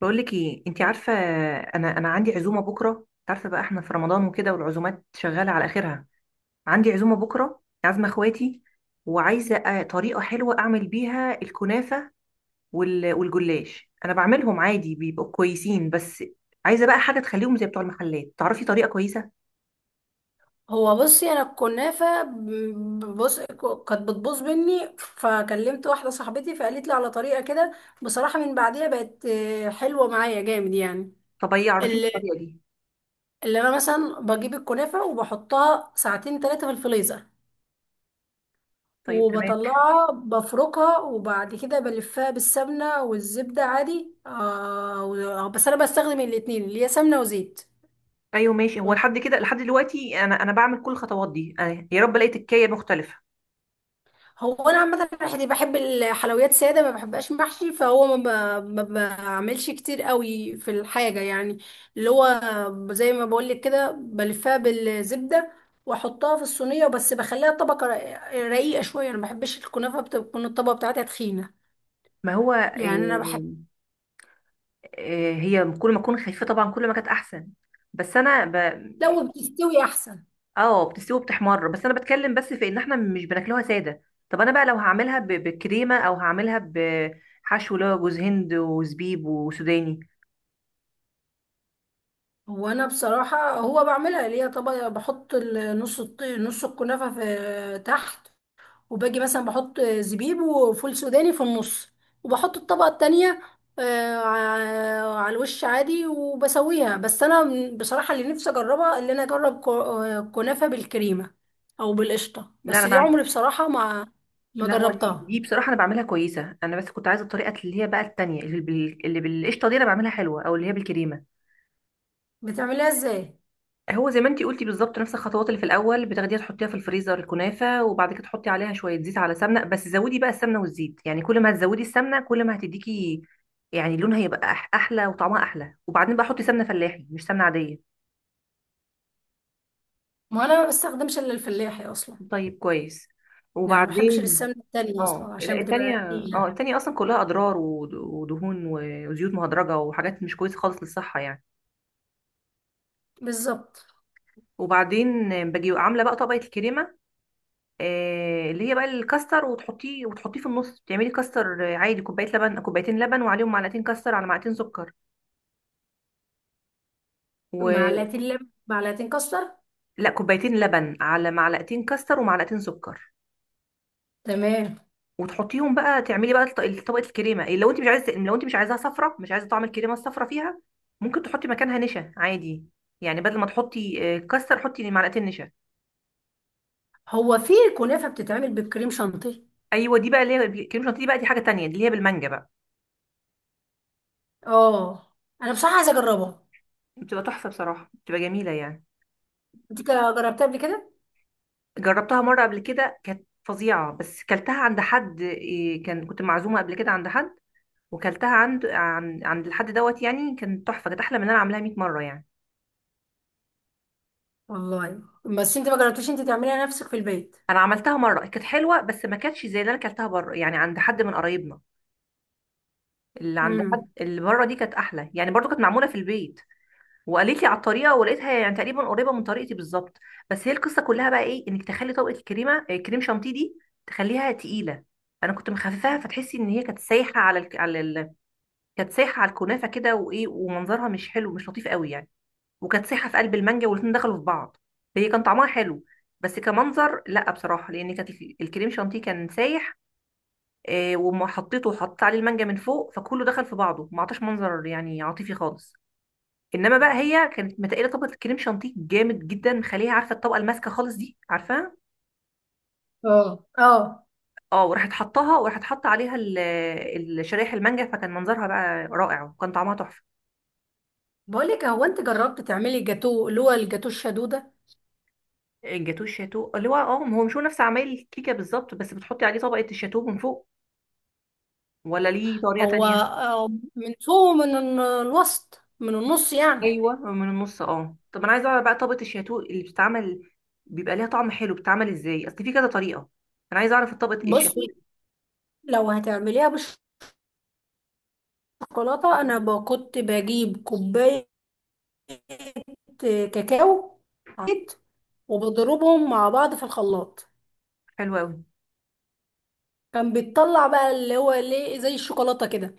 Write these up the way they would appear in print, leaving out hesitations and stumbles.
بقول لك ايه انت عارفه. انا عندي عزومه بكره، انت عارفه بقى احنا في رمضان وكده، والعزومات شغاله على اخرها. عندي عزومه بكره، عازمه اخواتي. وعايزه طريقه حلوه اعمل بيها الكنافه. والجلاش انا بعملهم عادي، بيبقوا كويسين. بس عايزه بقى حاجه تخليهم زي بتوع المحلات. تعرفي طريقه كويسه؟ هو بصي، انا الكنافه بص كانت بتبوظ مني، فكلمت واحده صاحبتي فقالت لي على طريقه كده. بصراحه من بعديها بقت حلوه معايا جامد يعني. طب ايه، عرفيني اللي, الطريقه دي. اللي انا مثلا بجيب الكنافه وبحطها ساعتين 3 في الفريزر، طيب تمام. وبطلعها بفركها، وبعد كده بلفها بالسمنه والزبده عادي. بس انا بستخدم الاتنين، اللي هي سمنه وزيت. ايوه ماشي، هو لحد كده لحد دلوقتي انا بعمل كل الخطوات دي، يا رب الاقي تكايه مختلفه. هو انا عامه بحب الحلويات ساده، ما بحبهاش محشي، فهو ما بعملش كتير قوي في الحاجه يعني. اللي هو زي ما بقول لك كده، بلفها بالزبده، واحطها في الصينيه، بس بخليها طبقه رقيقه شويه. انا ما بحبش الكنافه بتكون الطبقه بتاعتها تخينه. ما هو يعني انا بحب هي كل ما اكون خفيفه طبعا كل ما كانت احسن. بس انا ب... لو بتستوي احسن. اه بتستوي وبتحمر، بس انا بتكلم بس في ان احنا مش بناكلوها ساده. طب انا بقى لو هعملها بكريمه، او هعملها بحشو اللي هو جوز هند وزبيب وسوداني. هو انا بصراحه، هو بعملها اللي هي طبقه، بحط نص الكنافه في تحت، وباجي مثلا بحط زبيب وفول سوداني في النص، وبحط الطبقة التانية على الوش عادي، وبسويها. بصراحة اللي نفسي اجربها، اللي انا اجرب كنافة بالكريمة او بالقشطة، لا بس انا دي بعمل عمري بصراحة ما لا هو دي جربتها. دي بصراحه انا بعملها كويسه، انا بس كنت عايزه الطريقه اللي هي بقى التانية، اللي اللي بالقشطه دي انا بعملها حلوه، او اللي هي بالكريمه. بتعملها ازاي؟ هو زي ما انتي قلتي بالظبط، نفس الخطوات اللي في الاول بتاخديها تحطيها في الفريزر الكنافه، وبعد كده تحطي عليها شويه زيت على سمنه، بس زودي بقى السمنه والزيت، يعني كل ما هتزودي السمنه كل ما هتديكي. يعني لونها هيبقى احلى وطعمها احلى، وبعدين بقى حطي سمنه فلاحي مش سمنه عاديه. ما انا ما بستخدمش الا الفلاحي اصلا. طيب كويس. يعني ما بحبش وبعدين السمنة التانية اه اصلا، لا عشان بتبقى التانية. اه تقيلة. التانية اصلا كلها اضرار، ودهون وزيوت مهدرجه وحاجات مش كويسه خالص للصحه يعني. بالظبط. وبعدين باجي عامله بقى طبقه الكريمه، اللي هي بقى الكاستر، وتحطيه في النص. تعملي كاستر عادي، كوبايه لبن، كوبايتين لبن، وعليهم معلقتين كاستر على معلقتين سكر. و معلقتين لبن معلقتين كاستر؟ لا، كوبايتين لبن على معلقتين كاستر ومعلقتين سكر. تمام. وتحطيهم بقى، تعملي بقى طبقه الكريمه. لو انت مش عايزه، لو انت مش عايزاها صفرة، مش عايزه طعم الكريمه الصفرة فيها، ممكن تحطي مكانها نشا عادي. يعني بدل ما تحطي كاستر، حطي معلقتين نشا. هو في كنافة بتتعمل بالكريم شانتيه؟ ايوه دي بقى اللي هي الكريمه الشانتيه، دي بقى دي حاجه تانية، دي اللي هي بالمانجا بقى. اه، انا بصراحه عايزه اجربها. بتبقى تحفه بصراحه، بتبقى جميله يعني. انت كده جربتها قبل كده؟ جربتها مرة قبل كده كانت فظيعة، بس كلتها عند حد. كان كنت معزومة قبل كده عند حد، وكلتها عند عند الحد دوت، يعني كانت تحفة، كانت أحلى من أنا عاملاها 100 مرة يعني. والله، بس انت ما جربتيش انت تعمليها نفسك في البيت؟ أنا عملتها مرة كانت حلوة، بس ما كانتش زي اللي أنا كلتها بره يعني عند حد من قرايبنا. اللي عند حد امم. اللي بره دي كانت أحلى يعني، برضو كانت معمولة في البيت. وقالت لي على الطريقة، ولقيتها يعني تقريبا قريبة من طريقتي بالظبط. بس هي القصة كلها بقى إيه؟ إنك تخلي طبقة الكريمة، كريم شانتيه دي، تخليها تقيلة. انا كنت مخففاها، فتحسي ان هي كانت سايحه على كانت سايحه على الكنافه كده، وايه، ومنظرها مش حلو مش لطيف قوي يعني. وكانت سايحه في قلب المانجا، والاتنين دخلوا في بعض. هي كان طعمها حلو، بس كمنظر لا بصراحه، لان كانت الكريم شانتيه كان سايح. وما حطيته وحطيت عليه المانجا من فوق، فكله دخل في بعضه، ما عطاش منظر يعني عاطفي خالص. انما بقى هي كانت متقله طبقه الكريم شانتيه جامد جدا، مخليها، عارفه الطبقه الماسكه خالص دي، عارفاها. اه، اه. اه وراحت حطاها، وراحت حط عليها شرايح المانجا، فكان منظرها بقى رائع، وكان طعمها تحفه. بقول لك، هو انت جربت تعملي الجاتو، اللي هو الجاتو الشدوده؟ الجاتوه الشاتو اللي هو اه، هو مش هو نفس عمايل الكيكه بالظبط، بس بتحطي عليه طبقه الشاتو من فوق، ولا ليه طريقه هو، تانية؟ من فوق، من الوسط، من النص يعني. ايوه من النص اه. طب انا عايزه اعرف بقى طبقه الشاتو اللي بتتعمل، بيبقى ليها طعم حلو، بتتعمل ازاي؟ اصل في كذا طريقه. انا عايزه اعرف الطبقه الشاتو بصي، اللي، لو هتعمليها بالشوكولاته، انا كنت بجيب كوبايه كاكاو عيت، وبضربهم مع بعض في الخلاط. حلوه قوي. كان بيطلع بقى اللي هو ليه زي الشوكولاته كده،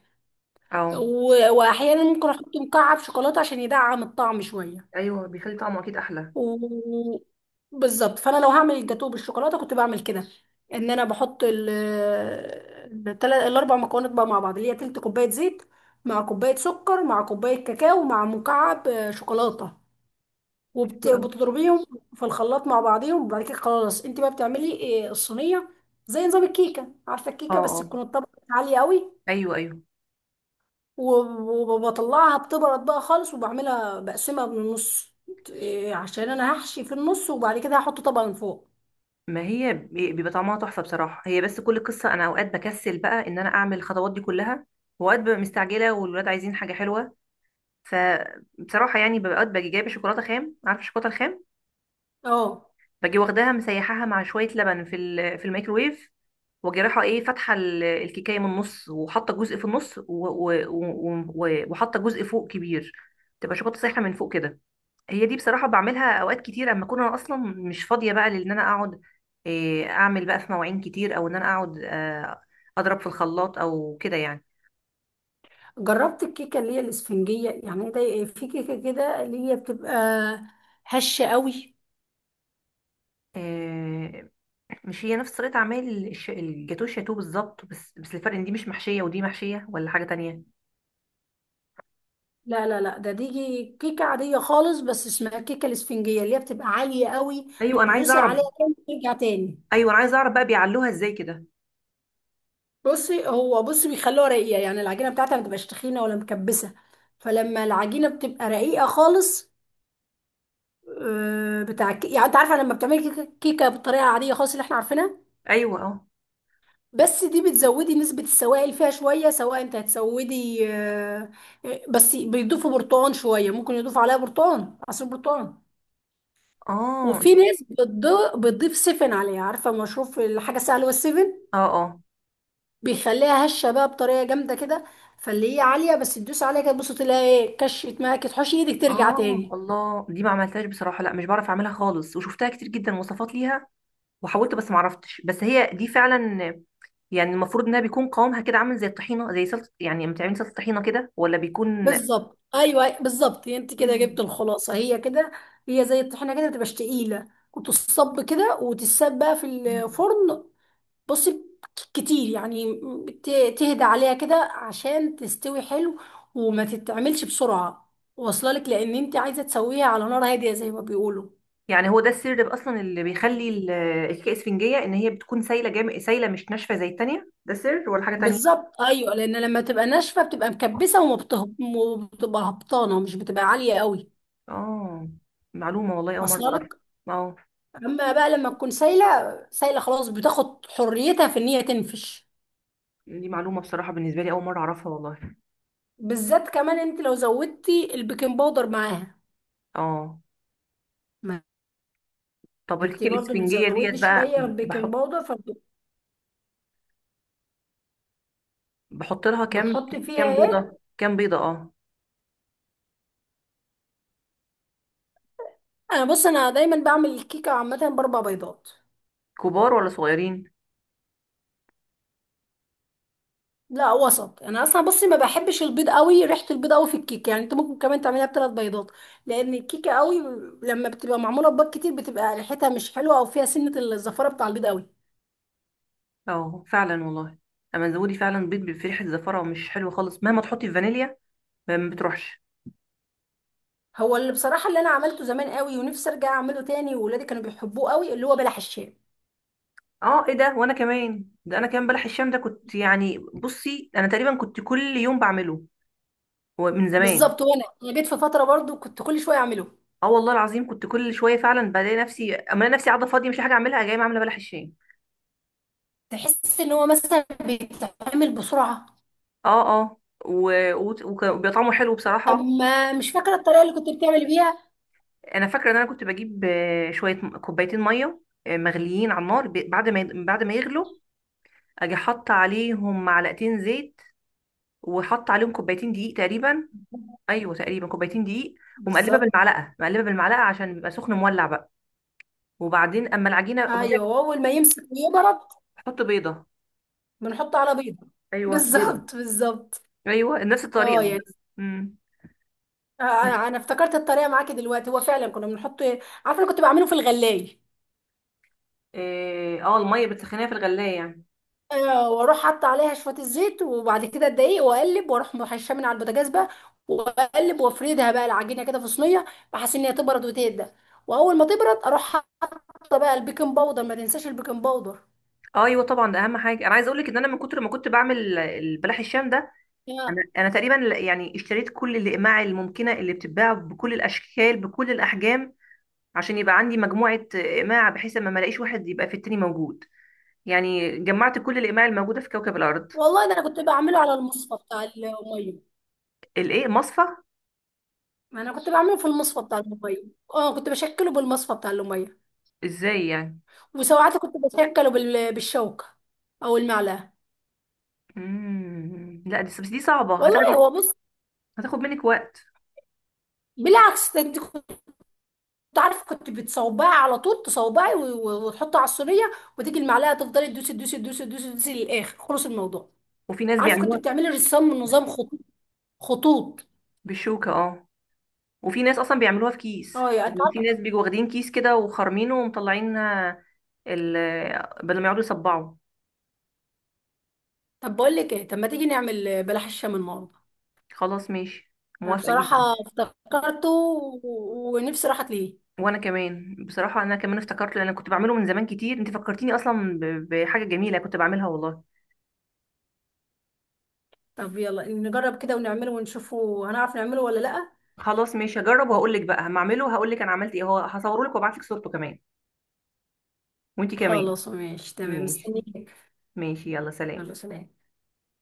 اه واحيانا ممكن احط مكعب شوكولاته عشان يدعم الطعم شويه. ايوه بيخلي طعمه اكيد احلى. و... بالظبط. فانا لو هعمل الجاتوه بالشوكولاته كنت بعمل كده، ان انا بحط الاربع مكونات بقى مع بعض، اللي هي تلت كوبايه زيت، مع كوبايه سكر، مع كوبايه كاكاو، مع مكعب شوكولاته. حلو أوي. وبتضربيهم في الخلاط مع بعضهم، وبعد كده خلاص، انت بقى بتعملي الصينيه زي نظام الكيكه، عارفه اه الكيكه، بس اه. تكون الطبقه عاليه قوي. ايوه ايوه. وبطلعها بتبرد بقى خالص، وبعملها بقسمها من النص عشان انا هحشي في النص، وبعد كده هحط طبقة من فوق. ما هي بيبقى طعمها تحفه بصراحه، هي بس كل قصه انا اوقات بكسل بقى ان انا اعمل الخطوات دي كلها. واوقات ببقى مستعجله والولاد عايزين حاجه حلوه، فبصراحة يعني ببقى باجي جايبة شوكولاتة خام، عارفة الشوكولاتة الخام. اه. باجي واخداها مسيحاها مع شوية لبن في في الميكروويف. واجي رايحة ايه، فاتحة الكيكاية من النص، وحاطة جزء في النص، وحاطة جزء فوق كبير. تبقى شوكولاتة سايحة من فوق كده. هي دي بصراحة بعملها اوقات كتير اما اكون انا اصلا مش فاضية بقى، لان انا اقعد، اعمل بقى في مواعين كتير، او ان انا اقعد اضرب في الخلاط او كده يعني. جربت الكيكة اللي هي الاسفنجية، يعني ده إيه؟ في كيكة كده اللي هي بتبقى هشة قوي. آه، مش هي نفس طريقة عمل الجاتوه الشاتوه بالظبط، بس بس الفرق ان دي مش محشية ودي محشية، ولا حاجة تانية؟ لا، لا، لا، دي كيكة عادية خالص، بس اسمها الكيكة الاسفنجية اللي هي بتبقى عالية قوي. ايوه انا عايزة تدوسي اعرف. عليها كده ترجع تاني. ايوه انا عايزة اعرف بقى بيعلوها ازاي كده. بصي، هو بيخلوها رقيقة، يعني العجينة بتاعتها ما بتبقاش تخينة ولا مكبسة. فلما العجينة بتبقى رقيقة خالص، يعني انت عارفه، لما بتعملي كيكة بالطريقه العاديه خالص اللي احنا عارفينها، ايوه اه بس دي بتزودي نسبه السوائل فيها شويه، سواء انت هتسودي، بس بيضيفوا برتقال شويه، ممكن يضيفوا عليها برتقال، عصير برتقال. اه. وفي انتوا- ناس بتضيف سفن عليها، عارفه مشروب الحاجه السهله والسفن. اه اه بيخليها هشه بقى بطريقه جامده كده. فاللي هي عاليه، بس تدوس عليها كده بص، تلاقي ايه؟ كشت معاكي، تحوشي ايدك ترجع اه. تاني. الله، دي ما عملتهاش بصراحة، لا مش بعرف اعملها خالص، وشفتها كتير جدا وصفات ليها وحاولت بس ما عرفتش. بس هي دي فعلا، يعني المفروض انها بيكون قوامها كده عامل زي الطحينة، زي سلطة يعني، لما تعملي سلطة طحينة كده، ولا بيكون؟ بالظبط، ايوه بالظبط، انت كده جبت الخلاصه، هي كده. هي زي الطحينه كده، بتبقاش تقيله، وتصب كده وتتساب بقى في مم. الفرن. بصي، كتير يعني، ت- تهدى عليها كده عشان تستوي حلو، وما تتعملش بسرعه. واصله لك؟ لان انت عايزه تسويها على نار هاديه زي ما بيقولوا. يعني هو ده السر بقى اصلا اللي بيخلي الكيكه اسفنجيه، ان هي بتكون سايله سايله مش ناشفه زي التانية؟ ده سر ولا حاجه تانية؟ بالظبط ايوه، لان لما تبقى ناشفه بتبقى مكبسه، وبتبقى هبطانه، مش بتبقى عاليه قوي. اه معلومه والله، اول مره واصله اعرفها. لك. اه اما بقى لما تكون سايله، سايله خلاص، بتاخد حريتها في ان هي تنفش. دي معلومه بصراحه بالنسبه لي، اول مره اعرفها والله. بالذات كمان انت لو زودتي البيكنج باودر معاها. اه ما طب انت الكيكه برضو الاسفنجيه ديت بتزودي بقى، شويه البيكنج بحط باودر. بحط لها كام؟ فبتحطي كام فيها ايه؟ بيضه كام بيضه اه. انا بص، انا دايما بعمل الكيكه عامه باربع بيضات. كبار ولا صغيرين؟ لا، وسط. انا اصلا بصي ما بحبش البيض قوي، ريحه البيض قوي في الكيكه. يعني انت ممكن كمان تعمليها بثلاث بيضات، لان الكيكه قوي لما بتبقى معموله ببيض كتير بتبقى ريحتها مش حلوه، او فيها سنه الزفاره بتاع البيض قوي. اه فعلا والله. اما زودي فعلا بيض، بفرحه زفره، مش حلو خالص مهما تحطي فانيليا ما بتروحش. هو اللي بصراحة اللي أنا عملته زمان قوي، ونفسي أرجع أعمله تاني، وولادي كانوا بيحبوه قوي، اللي هو بلح الشام. اه ايه ده، وانا كمان، ده انا كمان بلح الشام ده كنت يعني، بصي انا تقريبا كنت كل يوم بعمله، هو من زمان. بالظبط. وأنا جيت في فترة برضو كنت كل شوية أعمله. اه والله العظيم كنت كل شويه فعلا بلاقي نفسي اما انا نفسي قاعده فاضيه مش حاجه اعملها، جايه عامله بلح الشام. تحس إن هو مثلا بيتعمل بسرعة. اه اه، وبيبقى طعمه حلو طب بصراحه. ما مش فاكرة الطريقة اللي كنت بتعمل بيها؟ انا فاكره ان انا كنت بجيب شويه كوبايتين ميه مغليين على النار، بعد ما يغلوا، اجي حاطه عليهم معلقتين زيت، وحاطه عليهم كوبايتين دقيق تقريبا. ايوه تقريبا كوبايتين دقيق. ومقلبه بالظبط. بالمعلقه مقلبه بالمعلقه عشان بيبقى سخن مولع بقى. وبعدين اما العجينه، وبعدين أيوه، أول ما يمسك ويبرد. احط بيضه. بنحطه على بيضة. ايوه بيضه. بالظبط، بالظبط. ايوه نفس أه الطريقه، يعني، بس امم. آه، أنا أنا افتكرت الطريقة معاكي دلوقتي، هو فعلا كنا بنحط. عارفة، أنا كنت بعمله في الغلاية. اه الميه بتسخنيها في الغلايه يعني. واروح حاطه عليها شويه الزيت، وبعد كده الدقيق، واقلب، واروح محشاه من على البوتاجاز بقى، واقلب، وافردها بقى العجينه كده في صينيه، بحيث ان هي تبرد وتهدى، واول ما تبرد، اروح حاطه بقى البيكنج باودر. ما تنساش البيكنج باودر. اه ايوه طبعا ده اهم حاجه، انا عايزه اقول لك ان انا من كتر ما كنت بعمل البلح الشام ده، يا انا تقريبا يعني اشتريت كل الاقماع الممكنه اللي بتتباع، بكل الاشكال بكل الاحجام، عشان يبقى عندي مجموعه اقماع، بحيث ما الاقيش واحد يبقى في التاني موجود. يعني جمعت كل الاقماع الموجوده في كوكب الارض. والله ده انا كنت بعمله على المصفى بتاع الميه. الايه، مصفى؟ انا كنت بعمله في المصفى بتاع الميه. اه، كنت بشكله بالمصفى بتاع الميه. ازاي يعني؟ وساعات كنت بشكله بالشوكه او المعلقه. لا دي، بس دي صعبه، هتاخد، والله هو بص، هتاخد منك وقت. بالعكس ده، انت تعرف، كنت بتصوبها على طول تصوبعي، وتحطي على الصينيه، وتيجي المعلقه تفضلي تدوسي تدوسي تدوسي تدوسي تدوسي للاخر، خلص الموضوع. وفي ناس عارفه، كنت بيعملوها بتعملي رسام من نظام خطوط، خطوط. بالشوكة اه. وفي ناس اصلا بيعملوها في كيس، اه، يا انت يعني في ناس عارفه. بيجوا واخدين كيس كده وخارمينه ومطلعين ال بدل ما يقعدوا يصبعوا. طب بقول لك ايه؟ طب ما تيجي نعمل بلح الشام النهارده؟ خلاص ماشي، انا موافقة بصراحه جدا. افتكرته، ونفسي راحت ليه. وانا كمان بصراحة، انا كمان افتكرت، لان انا كنت بعمله من زمان كتير، انت فكرتيني اصلا بحاجة جميلة كنت بعملها والله. طب يلا نجرب كده ونعمله ونشوفه، هنعرف نعمله ولا لا؟ خلاص ماشي، هجرب وهقول لك بقى هما اعمله، هقول لك انا عملت ايه، هو هصوره لك وابعت لك صورته كمان. وانت كمان. خلاص ماشي، تمام، ماشي. مستنيك. ماشي يلا سلام. يلا سلام.